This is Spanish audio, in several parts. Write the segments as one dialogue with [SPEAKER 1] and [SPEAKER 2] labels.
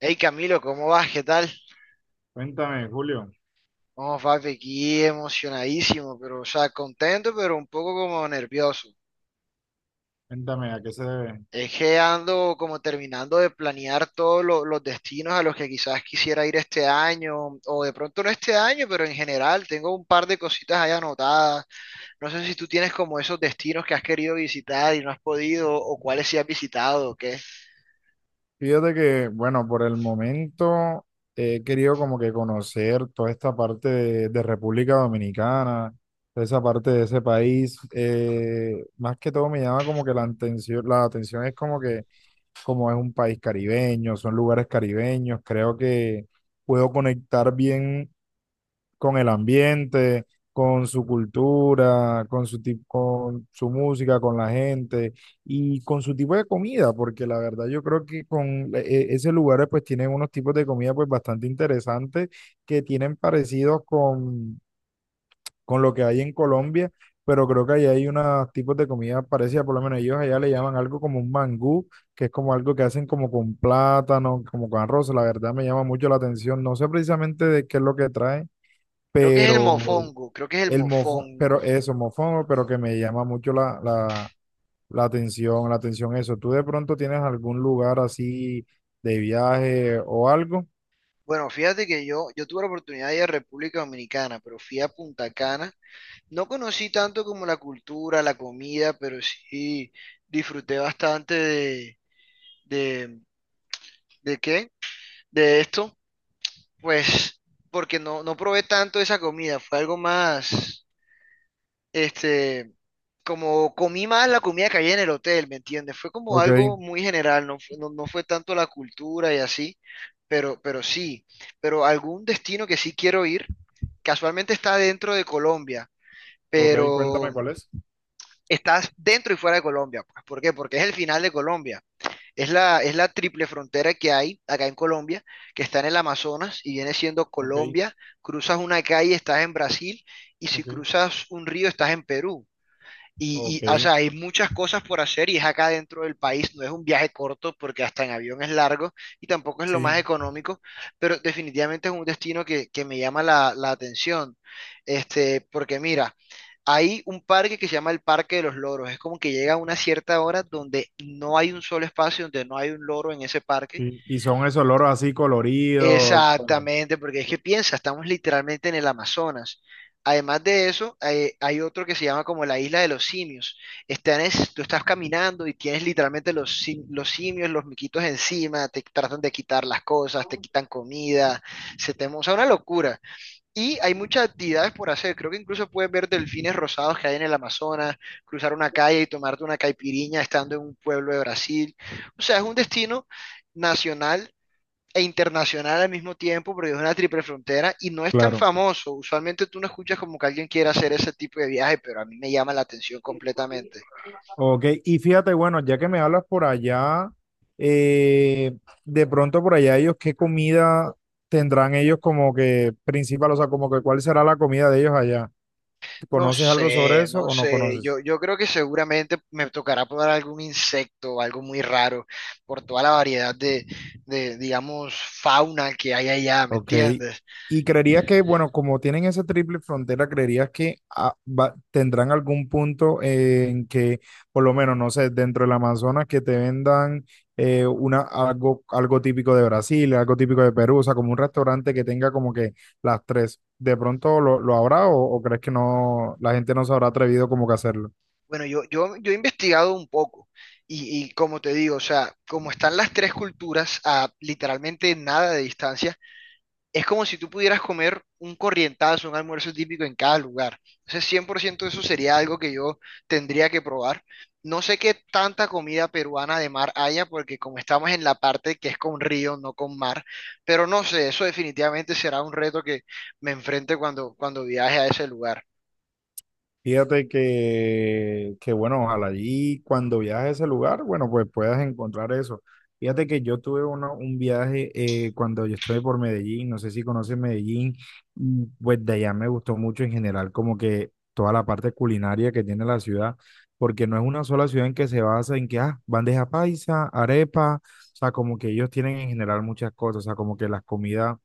[SPEAKER 1] Hey Camilo, ¿cómo vas? ¿Qué tal?
[SPEAKER 2] Cuéntame, Julio,
[SPEAKER 1] Vamos, papi, aquí emocionadísimo, pero, o sea, contento, pero un poco como nervioso.
[SPEAKER 2] cuéntame a qué se debe.
[SPEAKER 1] Es que ando como terminando de planear los destinos a los que quizás quisiera ir este año, o de pronto no este año, pero en general tengo un par de cositas ahí anotadas. No sé si tú tienes como esos destinos que has querido visitar y no has podido, o cuáles sí has visitado, o qué.
[SPEAKER 2] Fíjate que, bueno, por el momento he querido como que conocer toda esta parte de República Dominicana, toda esa parte de ese país. Más que todo me llama como que la atención es como que como es un país caribeño, son lugares caribeños, creo que puedo conectar bien con el ambiente, con su cultura, con su, con su música, con la gente y con su tipo de comida, porque la verdad yo creo que con ese lugar pues tienen unos tipos de comida pues bastante interesantes que tienen parecidos con lo que hay en Colombia, pero creo que allá hay unos tipos de comida parecida, por lo menos ellos allá le llaman algo como un mangú, que es como algo que hacen como con plátano, como con arroz, la verdad me llama mucho la atención, no sé precisamente de qué es lo que trae
[SPEAKER 1] Creo que es el
[SPEAKER 2] pero
[SPEAKER 1] Mofongo, creo que es el
[SPEAKER 2] el mofo, pero
[SPEAKER 1] Mofongo.
[SPEAKER 2] eso, mofongo, pero que me llama mucho la atención eso. ¿Tú de pronto tienes algún lugar así de viaje o algo?
[SPEAKER 1] Bueno, fíjate que yo tuve la oportunidad de ir a República Dominicana, pero fui a Punta Cana. No conocí tanto como la cultura, la comida, pero sí disfruté bastante de, ¿de qué? De esto, pues, porque no probé tanto esa comida, fue algo más, este, como comí más la comida que había en el hotel, ¿me entiendes? Fue como
[SPEAKER 2] Ok,
[SPEAKER 1] algo muy general, no fue, no fue tanto la cultura y así, pero sí, pero algún destino que sí quiero ir. Casualmente está dentro de Colombia,
[SPEAKER 2] ok, cuéntame
[SPEAKER 1] pero
[SPEAKER 2] cuál es.
[SPEAKER 1] estás dentro y fuera de Colombia. Pues, ¿por qué? Porque es el final de Colombia. Es la triple frontera que hay acá en Colombia, que está en el Amazonas y viene siendo
[SPEAKER 2] Ok,
[SPEAKER 1] Colombia. Cruzas una calle, estás en Brasil, y si
[SPEAKER 2] ok,
[SPEAKER 1] cruzas un río, estás en Perú.
[SPEAKER 2] ok,
[SPEAKER 1] O sea, hay muchas cosas por hacer y es acá dentro del país, no es un viaje corto porque hasta en avión es largo y tampoco es lo
[SPEAKER 2] sí,
[SPEAKER 1] más económico, pero definitivamente es un destino que me llama la atención. Este, porque mira, hay un parque que se llama el Parque de los Loros, es como que llega a una cierta hora donde no hay un solo espacio, donde no hay un loro en ese parque.
[SPEAKER 2] sí. Y son esos loros así coloridos.
[SPEAKER 1] Exactamente, porque es que piensa, estamos literalmente en el Amazonas. Además de eso, hay otro que se llama como la isla de los simios. Tú estás caminando y tienes literalmente los simios, los miquitos encima, te tratan de quitar las cosas, te quitan comida, o sea, una locura. Y hay muchas actividades por hacer. Creo que incluso puedes ver delfines rosados que hay en el Amazonas, cruzar una calle y tomarte una caipiriña estando en un pueblo de Brasil. O sea, es un destino nacional e internacional al mismo tiempo, porque es una triple frontera y no es tan
[SPEAKER 2] Claro.
[SPEAKER 1] famoso. Usualmente tú no escuchas como que alguien quiera hacer ese tipo de viaje, pero a mí me llama la atención completamente.
[SPEAKER 2] Ok, y fíjate, bueno, ya que me hablas por allá, eh, de pronto por allá ellos, ¿qué comida tendrán ellos como que principal? O sea, como que cuál será la comida de ellos allá.
[SPEAKER 1] No
[SPEAKER 2] ¿Conoces algo sobre
[SPEAKER 1] sé,
[SPEAKER 2] eso
[SPEAKER 1] no
[SPEAKER 2] o no
[SPEAKER 1] sé. Yo,
[SPEAKER 2] conoces?
[SPEAKER 1] yo creo que seguramente me tocará probar algún insecto o algo muy raro por toda la variedad de, digamos, fauna que hay allá, ¿me
[SPEAKER 2] Ok.
[SPEAKER 1] entiendes?
[SPEAKER 2] Y creerías que, bueno, como tienen esa triple frontera, creerías que ah, tendrán algún punto en que, por lo menos, no sé, dentro del Amazonas, que te vendan algo, algo típico de Brasil, algo típico de Perú, o sea, como un restaurante que tenga como que las tres. ¿De pronto lo habrá o crees que no, la gente no se habrá atrevido como que a hacerlo?
[SPEAKER 1] Bueno, yo he investigado un poco. Como te digo, o sea, como están las tres culturas a literalmente nada de distancia, es como si tú pudieras comer un corrientazo, un almuerzo típico en cada lugar. Entonces, 100% eso sería algo que yo tendría que probar. No sé qué tanta comida peruana de mar haya, porque como estamos en la parte que es con río, no con mar, pero no sé, eso definitivamente será un reto que me enfrente cuando viaje a ese lugar.
[SPEAKER 2] Fíjate que, bueno, ojalá allí cuando viajes a ese lugar, bueno, pues puedas encontrar eso. Fíjate que yo tuve un viaje cuando yo estuve por Medellín, no sé si conoces Medellín, y, pues de allá me gustó mucho en general como que toda la parte culinaria que tiene la ciudad, porque no es una sola ciudad en que se basa en que, ah, bandeja paisa, arepa, o sea, como que ellos tienen en general muchas cosas, o sea, como que las comidas,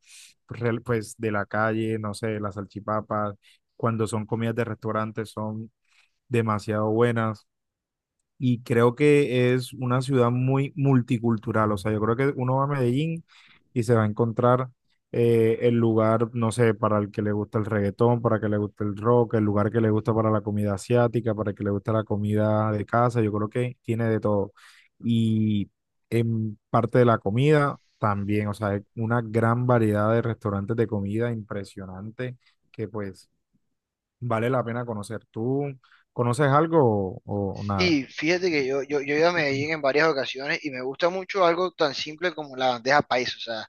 [SPEAKER 2] pues, de la calle, no sé, las salchipapas cuando son comidas de restaurantes son demasiado buenas y creo que es una ciudad muy multicultural. O sea, yo creo que uno va a Medellín y se va a encontrar el lugar, no sé, para el que le gusta el reggaetón, para el que le gusta el rock, el lugar que le gusta para la comida asiática, para el que le gusta la comida de casa. Yo creo que tiene de todo. Y en parte de la comida también, o sea, hay una gran variedad de restaurantes de comida impresionante que pues vale la pena conocer. ¿Tú conoces algo o nada?
[SPEAKER 1] Y fíjate que yo he ido a Medellín en varias ocasiones y me gusta mucho algo tan simple como la bandeja paisa. O sea,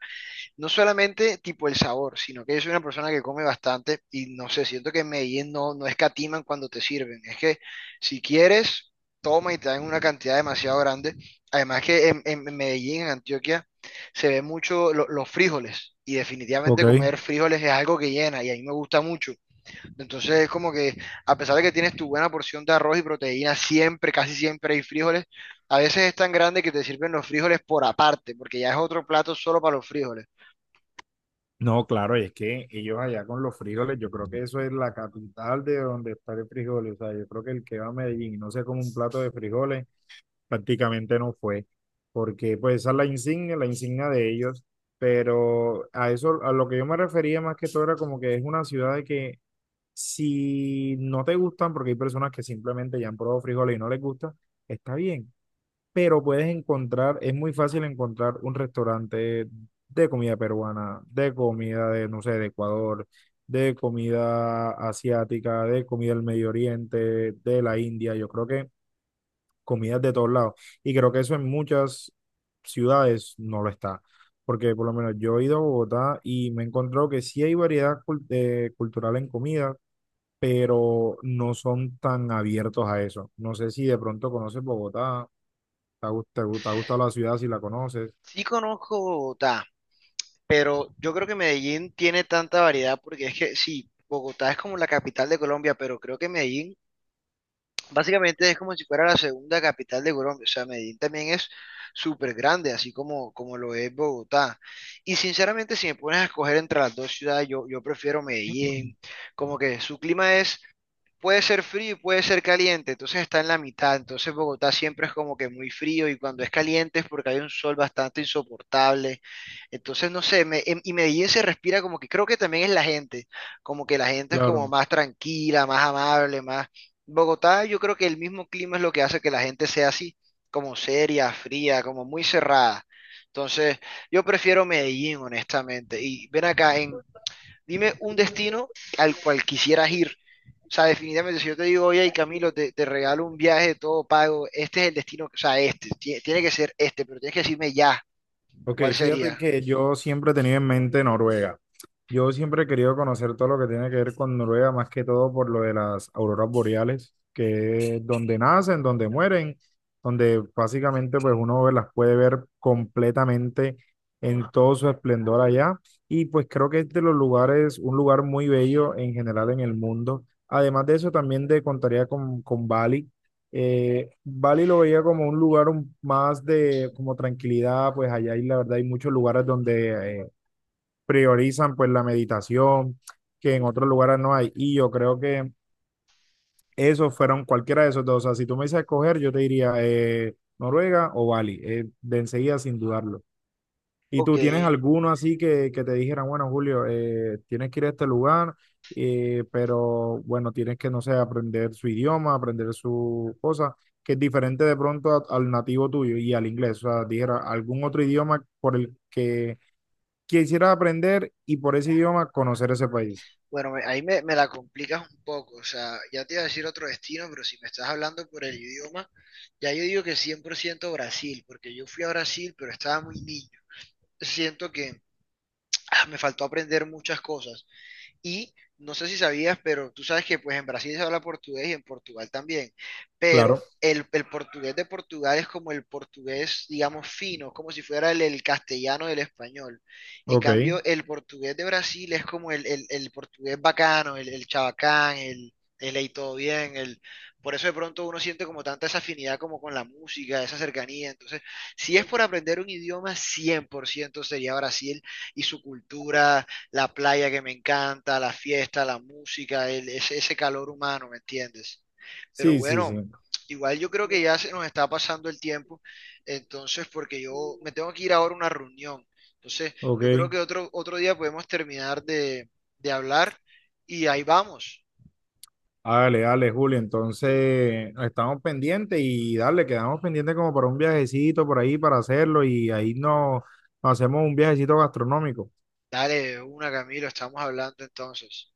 [SPEAKER 1] no solamente tipo el sabor, sino que yo soy una persona que come bastante y no sé, siento que en Medellín no escatiman cuando te sirven. Es que si quieres, toma y te dan una cantidad demasiado grande. Además que en Medellín, en Antioquia, se ve mucho los frijoles y definitivamente
[SPEAKER 2] Ok.
[SPEAKER 1] comer frijoles es algo que llena y a mí me gusta mucho. Entonces es como que a pesar de que tienes tu buena porción de arroz y proteína, siempre, casi siempre hay frijoles. A veces es tan grande que te sirven los frijoles por aparte, porque ya es otro plato solo para los frijoles.
[SPEAKER 2] No, claro, y es que ellos allá con los frijoles, yo creo que eso es la capital de donde está el frijoles. O sea, yo creo que el que va a Medellín y no se come un plato de frijoles, prácticamente no fue. Porque pues esa es la insignia de ellos. Pero a eso, a lo que yo me refería más que todo era como que es una ciudad de que si no te gustan, porque hay personas que simplemente ya han probado frijoles y no les gusta, está bien. Pero puedes encontrar, es muy fácil encontrar un restaurante de comida peruana, de comida no sé, de Ecuador, de comida asiática, de comida del Medio Oriente, de la India, yo creo que comidas de todos lados. Y creo que eso en muchas ciudades no lo está. Porque por lo menos yo he ido a Bogotá y me he encontrado que sí hay variedad cultural en comida, pero no son tan abiertos a eso. No sé si de pronto conoces Bogotá te ha, te ha gustado la ciudad si la conoces.
[SPEAKER 1] Sí conozco Bogotá, pero yo creo que Medellín tiene tanta variedad porque es que sí, Bogotá es como la capital de Colombia, pero creo que Medellín básicamente es como si fuera la segunda capital de Colombia. O sea, Medellín también es súper grande, así como lo es Bogotá. Y sinceramente, si me pones a escoger entre las dos ciudades, yo prefiero Medellín. Como que su clima es puede ser frío y puede ser caliente, entonces está en la mitad, entonces Bogotá siempre es como que muy frío y cuando es caliente es porque hay un sol bastante insoportable, entonces no sé, y Medellín se respira como que creo que también es la gente, como que la gente es como
[SPEAKER 2] Claro.
[SPEAKER 1] más tranquila, más amable, más... Bogotá yo creo que el mismo clima es lo que hace que la gente sea así, como seria, fría, como muy cerrada, entonces yo prefiero Medellín honestamente, y ven acá en... Dime un destino al cual quisieras ir. O sea, definitivamente, si yo te digo, oye, Camilo, te regalo un viaje todo pago, este es el destino, o sea, este, tiene que ser este, pero tienes que decirme ya,
[SPEAKER 2] Ok,
[SPEAKER 1] ¿cuál
[SPEAKER 2] fíjate
[SPEAKER 1] sería?
[SPEAKER 2] que yo siempre he tenido en mente Noruega. Yo siempre he querido conocer todo lo que tiene que ver con Noruega, más que todo por lo de las auroras boreales, que es donde nacen, donde mueren, donde básicamente pues las puede ver completamente en todo su esplendor allá. Y pues creo que es de los lugares, un lugar muy bello en general en el mundo. Además de eso, también te contaría con Bali. Bali lo veía como un lugar más de como tranquilidad, pues allá hay, la verdad hay muchos lugares donde priorizan pues la meditación, que en otros lugares no hay. Y yo creo que esos fueron cualquiera de esos dos. O sea, si tú me dices escoger, yo te diría Noruega o Bali, de enseguida sin dudarlo. ¿Y
[SPEAKER 1] Ok,
[SPEAKER 2] tú tienes alguno así que te dijeran, bueno, Julio, tienes que ir a este lugar, pero bueno, tienes que, no sé, aprender su idioma, aprender su cosa, que es diferente de pronto al nativo tuyo y al inglés? O sea, dijera, algún otro idioma por el que quisieras aprender y por ese idioma conocer ese país.
[SPEAKER 1] bueno, ahí me la complicas un poco, o sea, ya te iba a decir otro destino, pero si me estás hablando por el idioma, ya yo digo que 100% Brasil, porque yo fui a Brasil, pero estaba muy niño. Siento que ah, me faltó aprender muchas cosas. Y no sé si sabías, pero tú sabes que pues en Brasil se habla portugués y en Portugal también,
[SPEAKER 2] Claro,
[SPEAKER 1] pero el portugués de Portugal es como el portugués, digamos, fino, como si fuera el castellano del español. En
[SPEAKER 2] ok.
[SPEAKER 1] cambio, el portugués de Brasil es como el portugués bacano, el chabacán, el "Ey, todo bien, el... Por eso de pronto uno siente como tanta esa afinidad como con la música, esa cercanía. Entonces, si es por aprender un idioma, 100% sería Brasil y su cultura, la playa que me encanta, la fiesta, la música, ese, ese calor humano, ¿me entiendes? Pero
[SPEAKER 2] Sí, sí, sí.
[SPEAKER 1] bueno, igual yo creo que ya se nos está pasando el tiempo, entonces porque yo me tengo que ir ahora a una reunión. Entonces, yo creo
[SPEAKER 2] Ok.
[SPEAKER 1] que otro día podemos terminar de hablar y ahí vamos.
[SPEAKER 2] Dale, dale, Julio. Entonces, estamos pendientes y dale, quedamos pendientes como para un viajecito por ahí para hacerlo y ahí nos, nos hacemos un viajecito gastronómico.
[SPEAKER 1] Dale, una, Camilo, estamos hablando entonces.